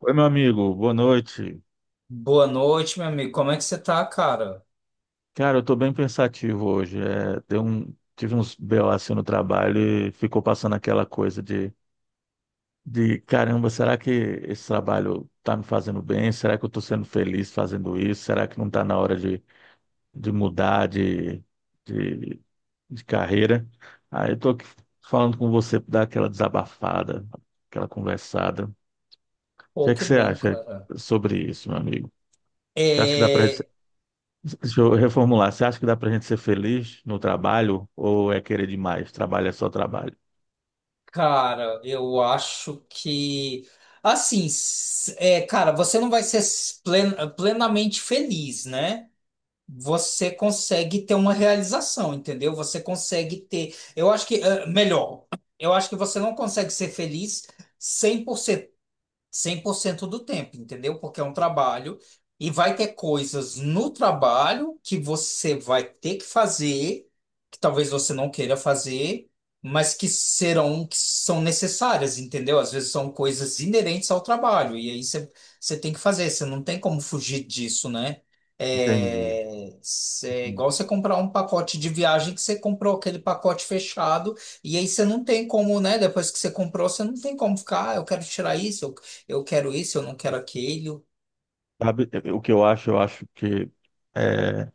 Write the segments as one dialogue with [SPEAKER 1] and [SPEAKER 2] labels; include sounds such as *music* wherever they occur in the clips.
[SPEAKER 1] Oi, meu amigo, boa noite.
[SPEAKER 2] Boa noite, meu amigo. Como é que você tá, cara?
[SPEAKER 1] Cara, eu tô bem pensativo hoje. Tive uns BO assim no trabalho e ficou passando aquela coisa de caramba, será que esse trabalho tá me fazendo bem? Será que eu tô sendo feliz fazendo isso? Será que não tá na hora de mudar de, de carreira? Aí eu tô aqui falando com você pra dar aquela desabafada, aquela conversada. O que
[SPEAKER 2] Pô,
[SPEAKER 1] é que
[SPEAKER 2] que
[SPEAKER 1] você
[SPEAKER 2] bom,
[SPEAKER 1] acha
[SPEAKER 2] cara.
[SPEAKER 1] sobre isso, meu amigo? Você acha que dá para
[SPEAKER 2] É,
[SPEAKER 1] Deixa eu reformular. Você acha que dá pra gente ser feliz no trabalho ou é querer demais? Trabalho é só trabalho.
[SPEAKER 2] cara, eu acho que. Assim, é, cara, você não vai ser plenamente feliz, né? Você consegue ter uma realização, entendeu? Você consegue ter. Eu acho que. Eu acho que você não consegue ser feliz 100%. 100% do tempo, entendeu? Porque é um trabalho e vai ter coisas no trabalho que você vai ter que fazer, que talvez você não queira fazer, mas que são necessárias, entendeu? Às vezes são coisas inerentes ao trabalho e aí você tem que fazer, você não tem como fugir disso, né?
[SPEAKER 1] Entendi,
[SPEAKER 2] É, é igual
[SPEAKER 1] entendi.
[SPEAKER 2] você comprar um pacote de viagem que você comprou aquele pacote fechado e aí você não tem como, né? Depois que você comprou, você não tem como ficar, ah, eu quero tirar isso, eu quero isso, eu não quero aquilo.
[SPEAKER 1] Sabe, o que eu acho? Eu acho que eh,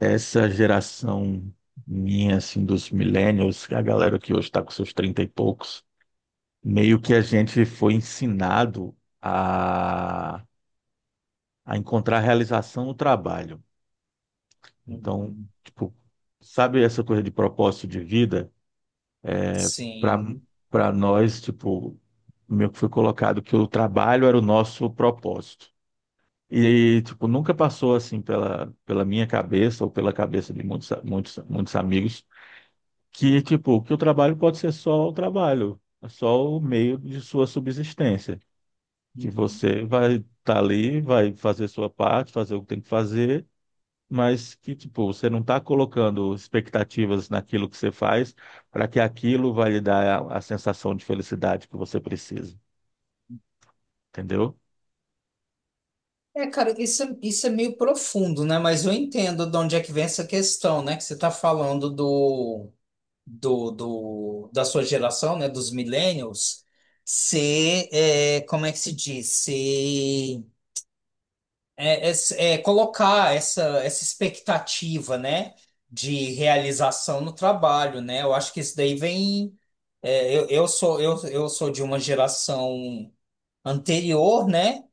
[SPEAKER 1] essa geração minha, assim, dos millennials, a galera que hoje está com seus 30 e poucos, meio que a gente foi ensinado a, a encontrar realização no trabalho. Então,
[SPEAKER 2] Uhum.
[SPEAKER 1] tipo, sabe essa coisa de propósito de vida? para
[SPEAKER 2] Sim.
[SPEAKER 1] Para nós, tipo, meio que foi colocado que o trabalho era o nosso propósito. E, tipo, nunca passou, assim, pela minha cabeça ou pela cabeça de muitos, muitos, muitos amigos que, tipo, que o trabalho pode ser só o trabalho, é só o meio de sua subsistência. Que
[SPEAKER 2] Uhum.
[SPEAKER 1] você vai estar ali, vai fazer sua parte, fazer o que tem que fazer, mas que, tipo, você não está colocando expectativas naquilo que você faz para que aquilo vai lhe dar a sensação de felicidade que você precisa, entendeu?
[SPEAKER 2] É, cara, isso é meio profundo, né? Mas eu entendo de onde é que vem essa questão, né? Que você está falando da sua geração, né? Dos millennials, como é que se diz? Ser é colocar essa expectativa, né, de realização no trabalho, né? Eu acho que isso daí vem. Eu sou de uma geração anterior, né?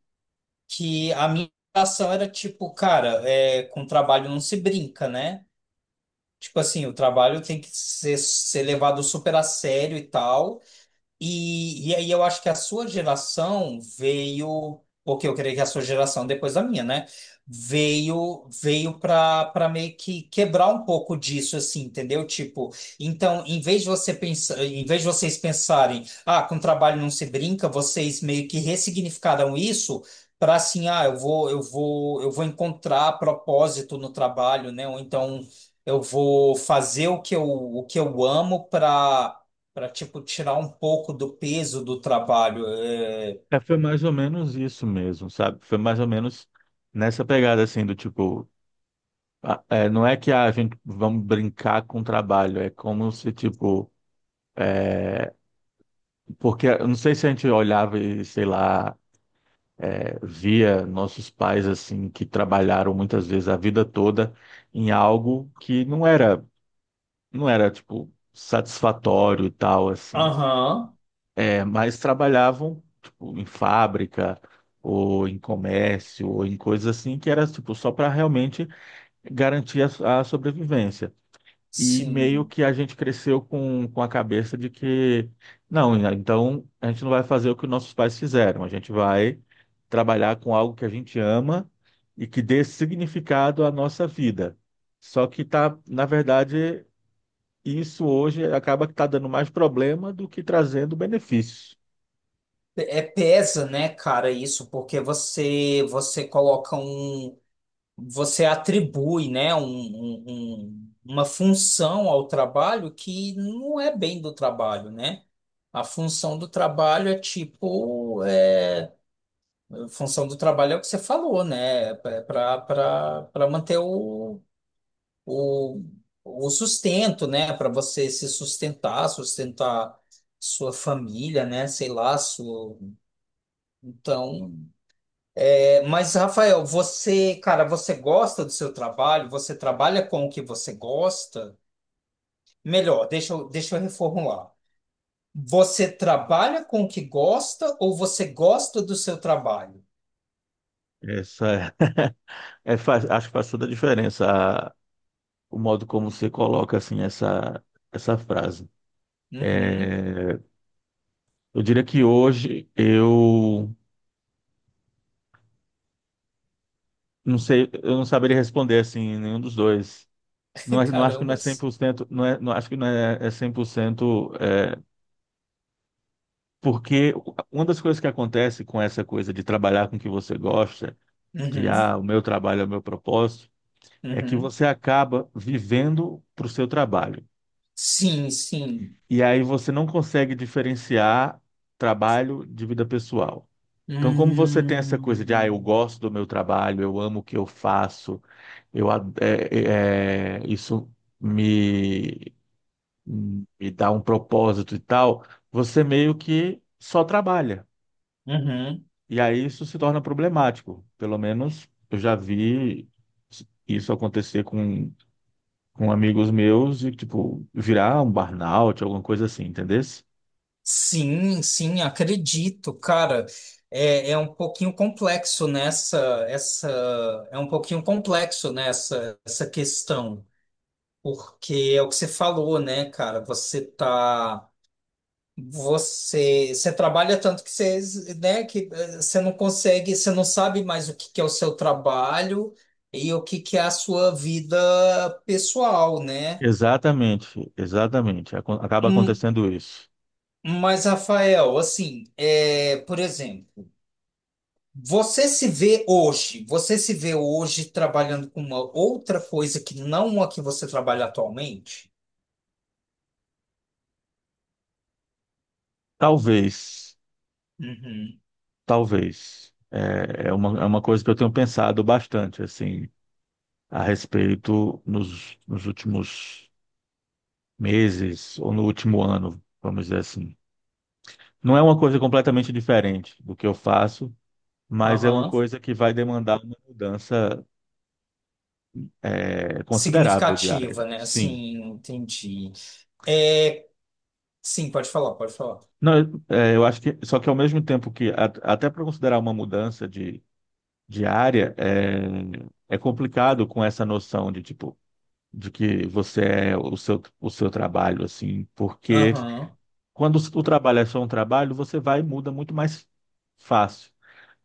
[SPEAKER 2] Que a minha geração era tipo, cara, com trabalho não se brinca, né? Tipo assim, o trabalho tem que ser levado super a sério e tal. E aí eu acho que a sua geração veio, porque eu creio que a sua geração depois da minha, né? Veio para meio que quebrar um pouco disso assim, entendeu? Tipo, então, em vez de você pensar, em vez de vocês pensarem, ah, com trabalho não se brinca, vocês meio que ressignificaram isso para assim, ah, eu vou encontrar propósito no trabalho, né? Ou então eu vou fazer o que eu amo para tipo tirar um pouco do peso do trabalho. É.
[SPEAKER 1] É, foi mais ou menos isso mesmo, sabe? Foi mais ou menos nessa pegada, assim, do tipo, não é que ah, a gente vamos brincar com o trabalho, é como se, tipo, porque eu não sei se a gente olhava e, sei lá, é, via nossos pais, assim, que trabalharam muitas vezes a vida toda em algo que não era, tipo, satisfatório e tal, assim.
[SPEAKER 2] Aham.
[SPEAKER 1] É, mas trabalhavam, tipo, em fábrica ou em comércio ou em coisas assim, que era, tipo, só para realmente garantir a sobrevivência. E meio
[SPEAKER 2] Sim.
[SPEAKER 1] que a gente cresceu com a cabeça de que, não, né, então a gente não vai fazer o que nossos pais fizeram, a gente vai trabalhar com algo que a gente ama e que dê significado à nossa vida. Só que tá, na verdade, e isso hoje acaba que está dando mais problema do que trazendo benefícios.
[SPEAKER 2] É pesa, né, cara, isso, porque você atribui, né, uma função ao trabalho que não é bem do trabalho, né? A função do trabalho é tipo, a função do trabalho é o que você falou, né? Para manter o, o sustento, né? Para você se sustentar, sustentar sua família, né? Sei lá, sua. Então, mas Rafael, cara, você gosta do seu trabalho? Você trabalha com o que você gosta? Melhor, deixa eu reformular. Você trabalha com o que gosta ou você gosta do seu trabalho?
[SPEAKER 1] Essa é, acho que faz toda a diferença a- o modo como você coloca assim essa frase.
[SPEAKER 2] Uhum.
[SPEAKER 1] É, eu diria que hoje eu não sei, eu não saberia responder assim nenhum dos dois.
[SPEAKER 2] *laughs*
[SPEAKER 1] Não acho que não é cem
[SPEAKER 2] Carambas.
[SPEAKER 1] por cento não é, não acho que não é, é 100% é, porque uma das coisas que acontece com essa coisa de trabalhar com o que você gosta, de
[SPEAKER 2] Uhum.
[SPEAKER 1] ah, o meu trabalho é o meu propósito, é que
[SPEAKER 2] Uhum.
[SPEAKER 1] você acaba vivendo para o seu trabalho.
[SPEAKER 2] Sim, sim.
[SPEAKER 1] E aí você não consegue diferenciar trabalho de vida pessoal. Então, como você tem essa coisa de, ah, eu
[SPEAKER 2] Hum.
[SPEAKER 1] gosto do meu trabalho, eu amo o que eu faço, eu, ad- é- é- é, isso me, me dá um propósito e tal, você meio que só trabalha.
[SPEAKER 2] Uhum.
[SPEAKER 1] E aí isso se torna problemático. Pelo menos eu já vi isso acontecer com amigos meus e, tipo, virar um burnout, alguma coisa assim, entendesse?
[SPEAKER 2] Sim, sim, acredito, cara. É, é um pouquinho complexo nessa, essa, é um pouquinho complexo nessa, essa questão, porque é o que você falou, né, cara? Você trabalha tanto que você, né, que você não consegue, você não sabe mais o que que é o seu trabalho e o que que é a sua vida pessoal, né?
[SPEAKER 1] Exatamente, exatamente. Acaba
[SPEAKER 2] Hum.
[SPEAKER 1] acontecendo isso.
[SPEAKER 2] Mas, Rafael, assim, por exemplo. Você se vê hoje trabalhando com uma outra coisa que não a que você trabalha atualmente?
[SPEAKER 1] Talvez,
[SPEAKER 2] Uhum.
[SPEAKER 1] talvez. É, é uma coisa que eu tenho pensado bastante, assim, a respeito nos últimos meses ou no último ano, vamos dizer assim. Não é uma coisa completamente diferente do que eu faço, mas é uma
[SPEAKER 2] Aham.
[SPEAKER 1] coisa que vai demandar uma mudança, é, considerável diária.
[SPEAKER 2] Significativa, né?
[SPEAKER 1] Sim.
[SPEAKER 2] Assim, entendi. É, sim, pode falar, pode falar.
[SPEAKER 1] Não, é, eu acho que, só que ao mesmo tempo que, até para considerar uma mudança de área, é, é complicado com essa noção de, tipo, de que você é o seu trabalho, assim, porque
[SPEAKER 2] Aham.
[SPEAKER 1] quando o trabalho é só um trabalho, você vai e muda muito mais fácil.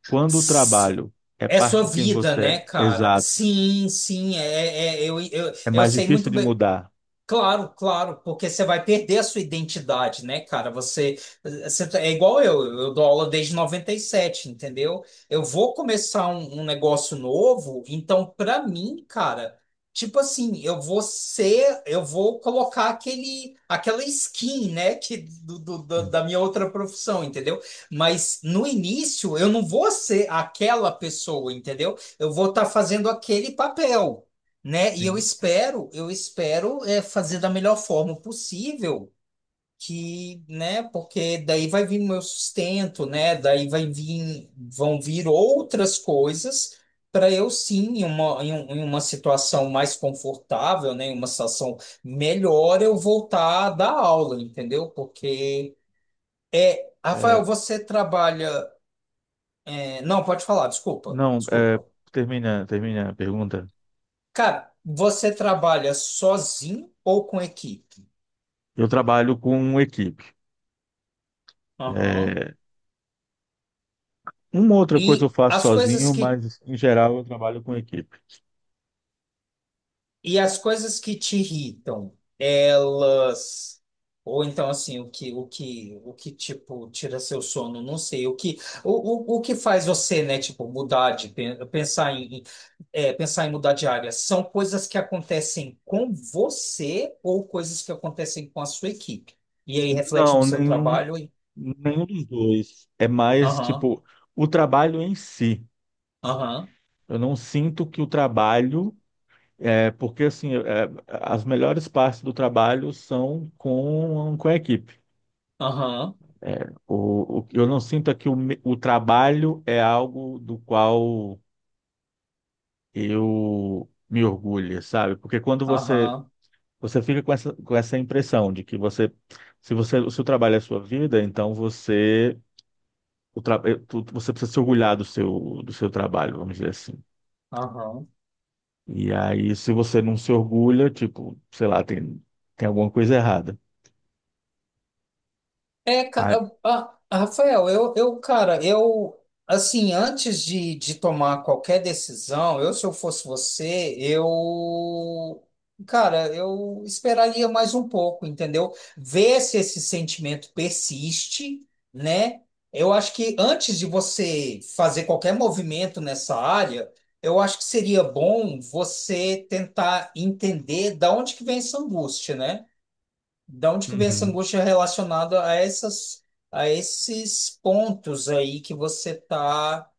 [SPEAKER 1] Quando o
[SPEAKER 2] S-
[SPEAKER 1] trabalho é
[SPEAKER 2] É
[SPEAKER 1] parte
[SPEAKER 2] sua
[SPEAKER 1] de quem
[SPEAKER 2] vida,
[SPEAKER 1] você
[SPEAKER 2] né,
[SPEAKER 1] é,
[SPEAKER 2] cara?
[SPEAKER 1] exato,
[SPEAKER 2] Sim, sim, é, é- eu, eu,
[SPEAKER 1] é
[SPEAKER 2] eu
[SPEAKER 1] mais
[SPEAKER 2] sei muito
[SPEAKER 1] difícil de
[SPEAKER 2] bem.
[SPEAKER 1] mudar.
[SPEAKER 2] Claro, claro, porque você vai perder a sua identidade, né, cara? Você tá, é igual eu, dou aula desde 97, entendeu? Eu vou começar um negócio novo, então pra mim, cara, tipo assim, eu vou colocar aquela skin, né, que da minha outra profissão, entendeu? Mas no início eu não vou ser aquela pessoa, entendeu? Eu vou estar fazendo aquele papel, né? E eu
[SPEAKER 1] Sim.
[SPEAKER 2] espero, eu espero fazer da melhor forma possível, que, né? Porque daí vai vir meu sustento, né? Daí vai vir, vão vir outras coisas para eu sim, em uma situação mais confortável, né? Em uma situação melhor, eu voltar a dar aula, entendeu? Porque, Rafael,
[SPEAKER 1] É,
[SPEAKER 2] você trabalha. Não, pode falar, desculpa,
[SPEAKER 1] não, é,
[SPEAKER 2] desculpa.
[SPEAKER 1] termina, termina a pergunta.
[SPEAKER 2] Cara, você trabalha sozinho ou com equipe?
[SPEAKER 1] Eu trabalho com equipe.
[SPEAKER 2] Aham.
[SPEAKER 1] É, uma outra coisa eu
[SPEAKER 2] E
[SPEAKER 1] faço
[SPEAKER 2] as coisas
[SPEAKER 1] sozinho,
[SPEAKER 2] que
[SPEAKER 1] mas em geral eu trabalho com equipe.
[SPEAKER 2] e as coisas que te irritam, elas, ou então assim, o que tipo tira seu sono, não sei, o, que o que faz você, né, tipo mudar de pensar em mudar de área, são coisas que acontecem com você ou coisas que acontecem com a sua equipe? E aí reflete no
[SPEAKER 1] Não,
[SPEAKER 2] seu
[SPEAKER 1] nenhum,
[SPEAKER 2] trabalho e
[SPEAKER 1] nenhum dos dois. É mais
[SPEAKER 2] aham,
[SPEAKER 1] tipo o trabalho em si.
[SPEAKER 2] aham,
[SPEAKER 1] Eu não sinto que o trabalho é porque assim é, as melhores partes do trabalho são com a equipe.
[SPEAKER 2] aham,
[SPEAKER 1] Eu não sinto é que o trabalho é algo do qual eu me orgulho, sabe? Porque quando
[SPEAKER 2] aham,
[SPEAKER 1] você
[SPEAKER 2] aham.
[SPEAKER 1] Você fica com essa impressão de que você, se o trabalho é a sua vida, então você, o tra, eh, tu- você precisa se orgulhar do seu trabalho, vamos dizer assim.
[SPEAKER 2] Aham.
[SPEAKER 1] E aí, se você não se orgulha, tipo, sei lá, tem alguma coisa errada.
[SPEAKER 2] É,
[SPEAKER 1] Ah,
[SPEAKER 2] a- Rafael, cara, eu, assim, antes de tomar qualquer decisão, eu, se eu fosse você, eu, cara, eu esperaria mais um pouco, entendeu? Ver se esse sentimento persiste, né? Eu acho que antes de você fazer qualquer movimento nessa área, eu acho que seria bom você tentar entender da onde que vem essa angústia, né? Da onde que vem essa
[SPEAKER 1] uhum.
[SPEAKER 2] angústia relacionada a essas, a esses pontos aí que você tá,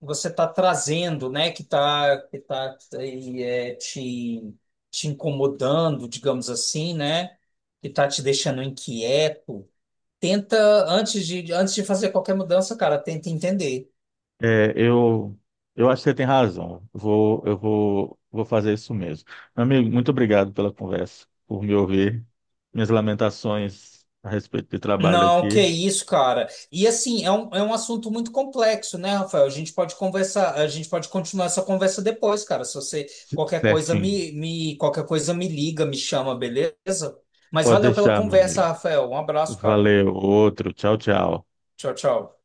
[SPEAKER 2] você tá trazendo, né? Que tá aí, te incomodando, digamos assim, né? Que tá te deixando inquieto. Tenta, antes de, fazer qualquer mudança, cara, tenta entender.
[SPEAKER 1] É, eu acho que você tem razão. Vou fazer isso mesmo. Meu amigo, muito obrigado pela conversa, por me ouvir. Minhas lamentações a respeito de trabalho
[SPEAKER 2] Não, que
[SPEAKER 1] aqui,
[SPEAKER 2] isso, cara. E assim, é um assunto muito complexo, né, Rafael? A gente pode conversar, a gente pode continuar essa conversa depois, cara. Se você qualquer coisa
[SPEAKER 1] certinho.
[SPEAKER 2] me qualquer coisa me liga, me chama, beleza? Mas
[SPEAKER 1] Pode
[SPEAKER 2] valeu pela
[SPEAKER 1] deixar, meu
[SPEAKER 2] conversa,
[SPEAKER 1] amigo.
[SPEAKER 2] Rafael. Um abraço, cara.
[SPEAKER 1] Valeu, outro. Tchau, tchau.
[SPEAKER 2] Tchau, tchau.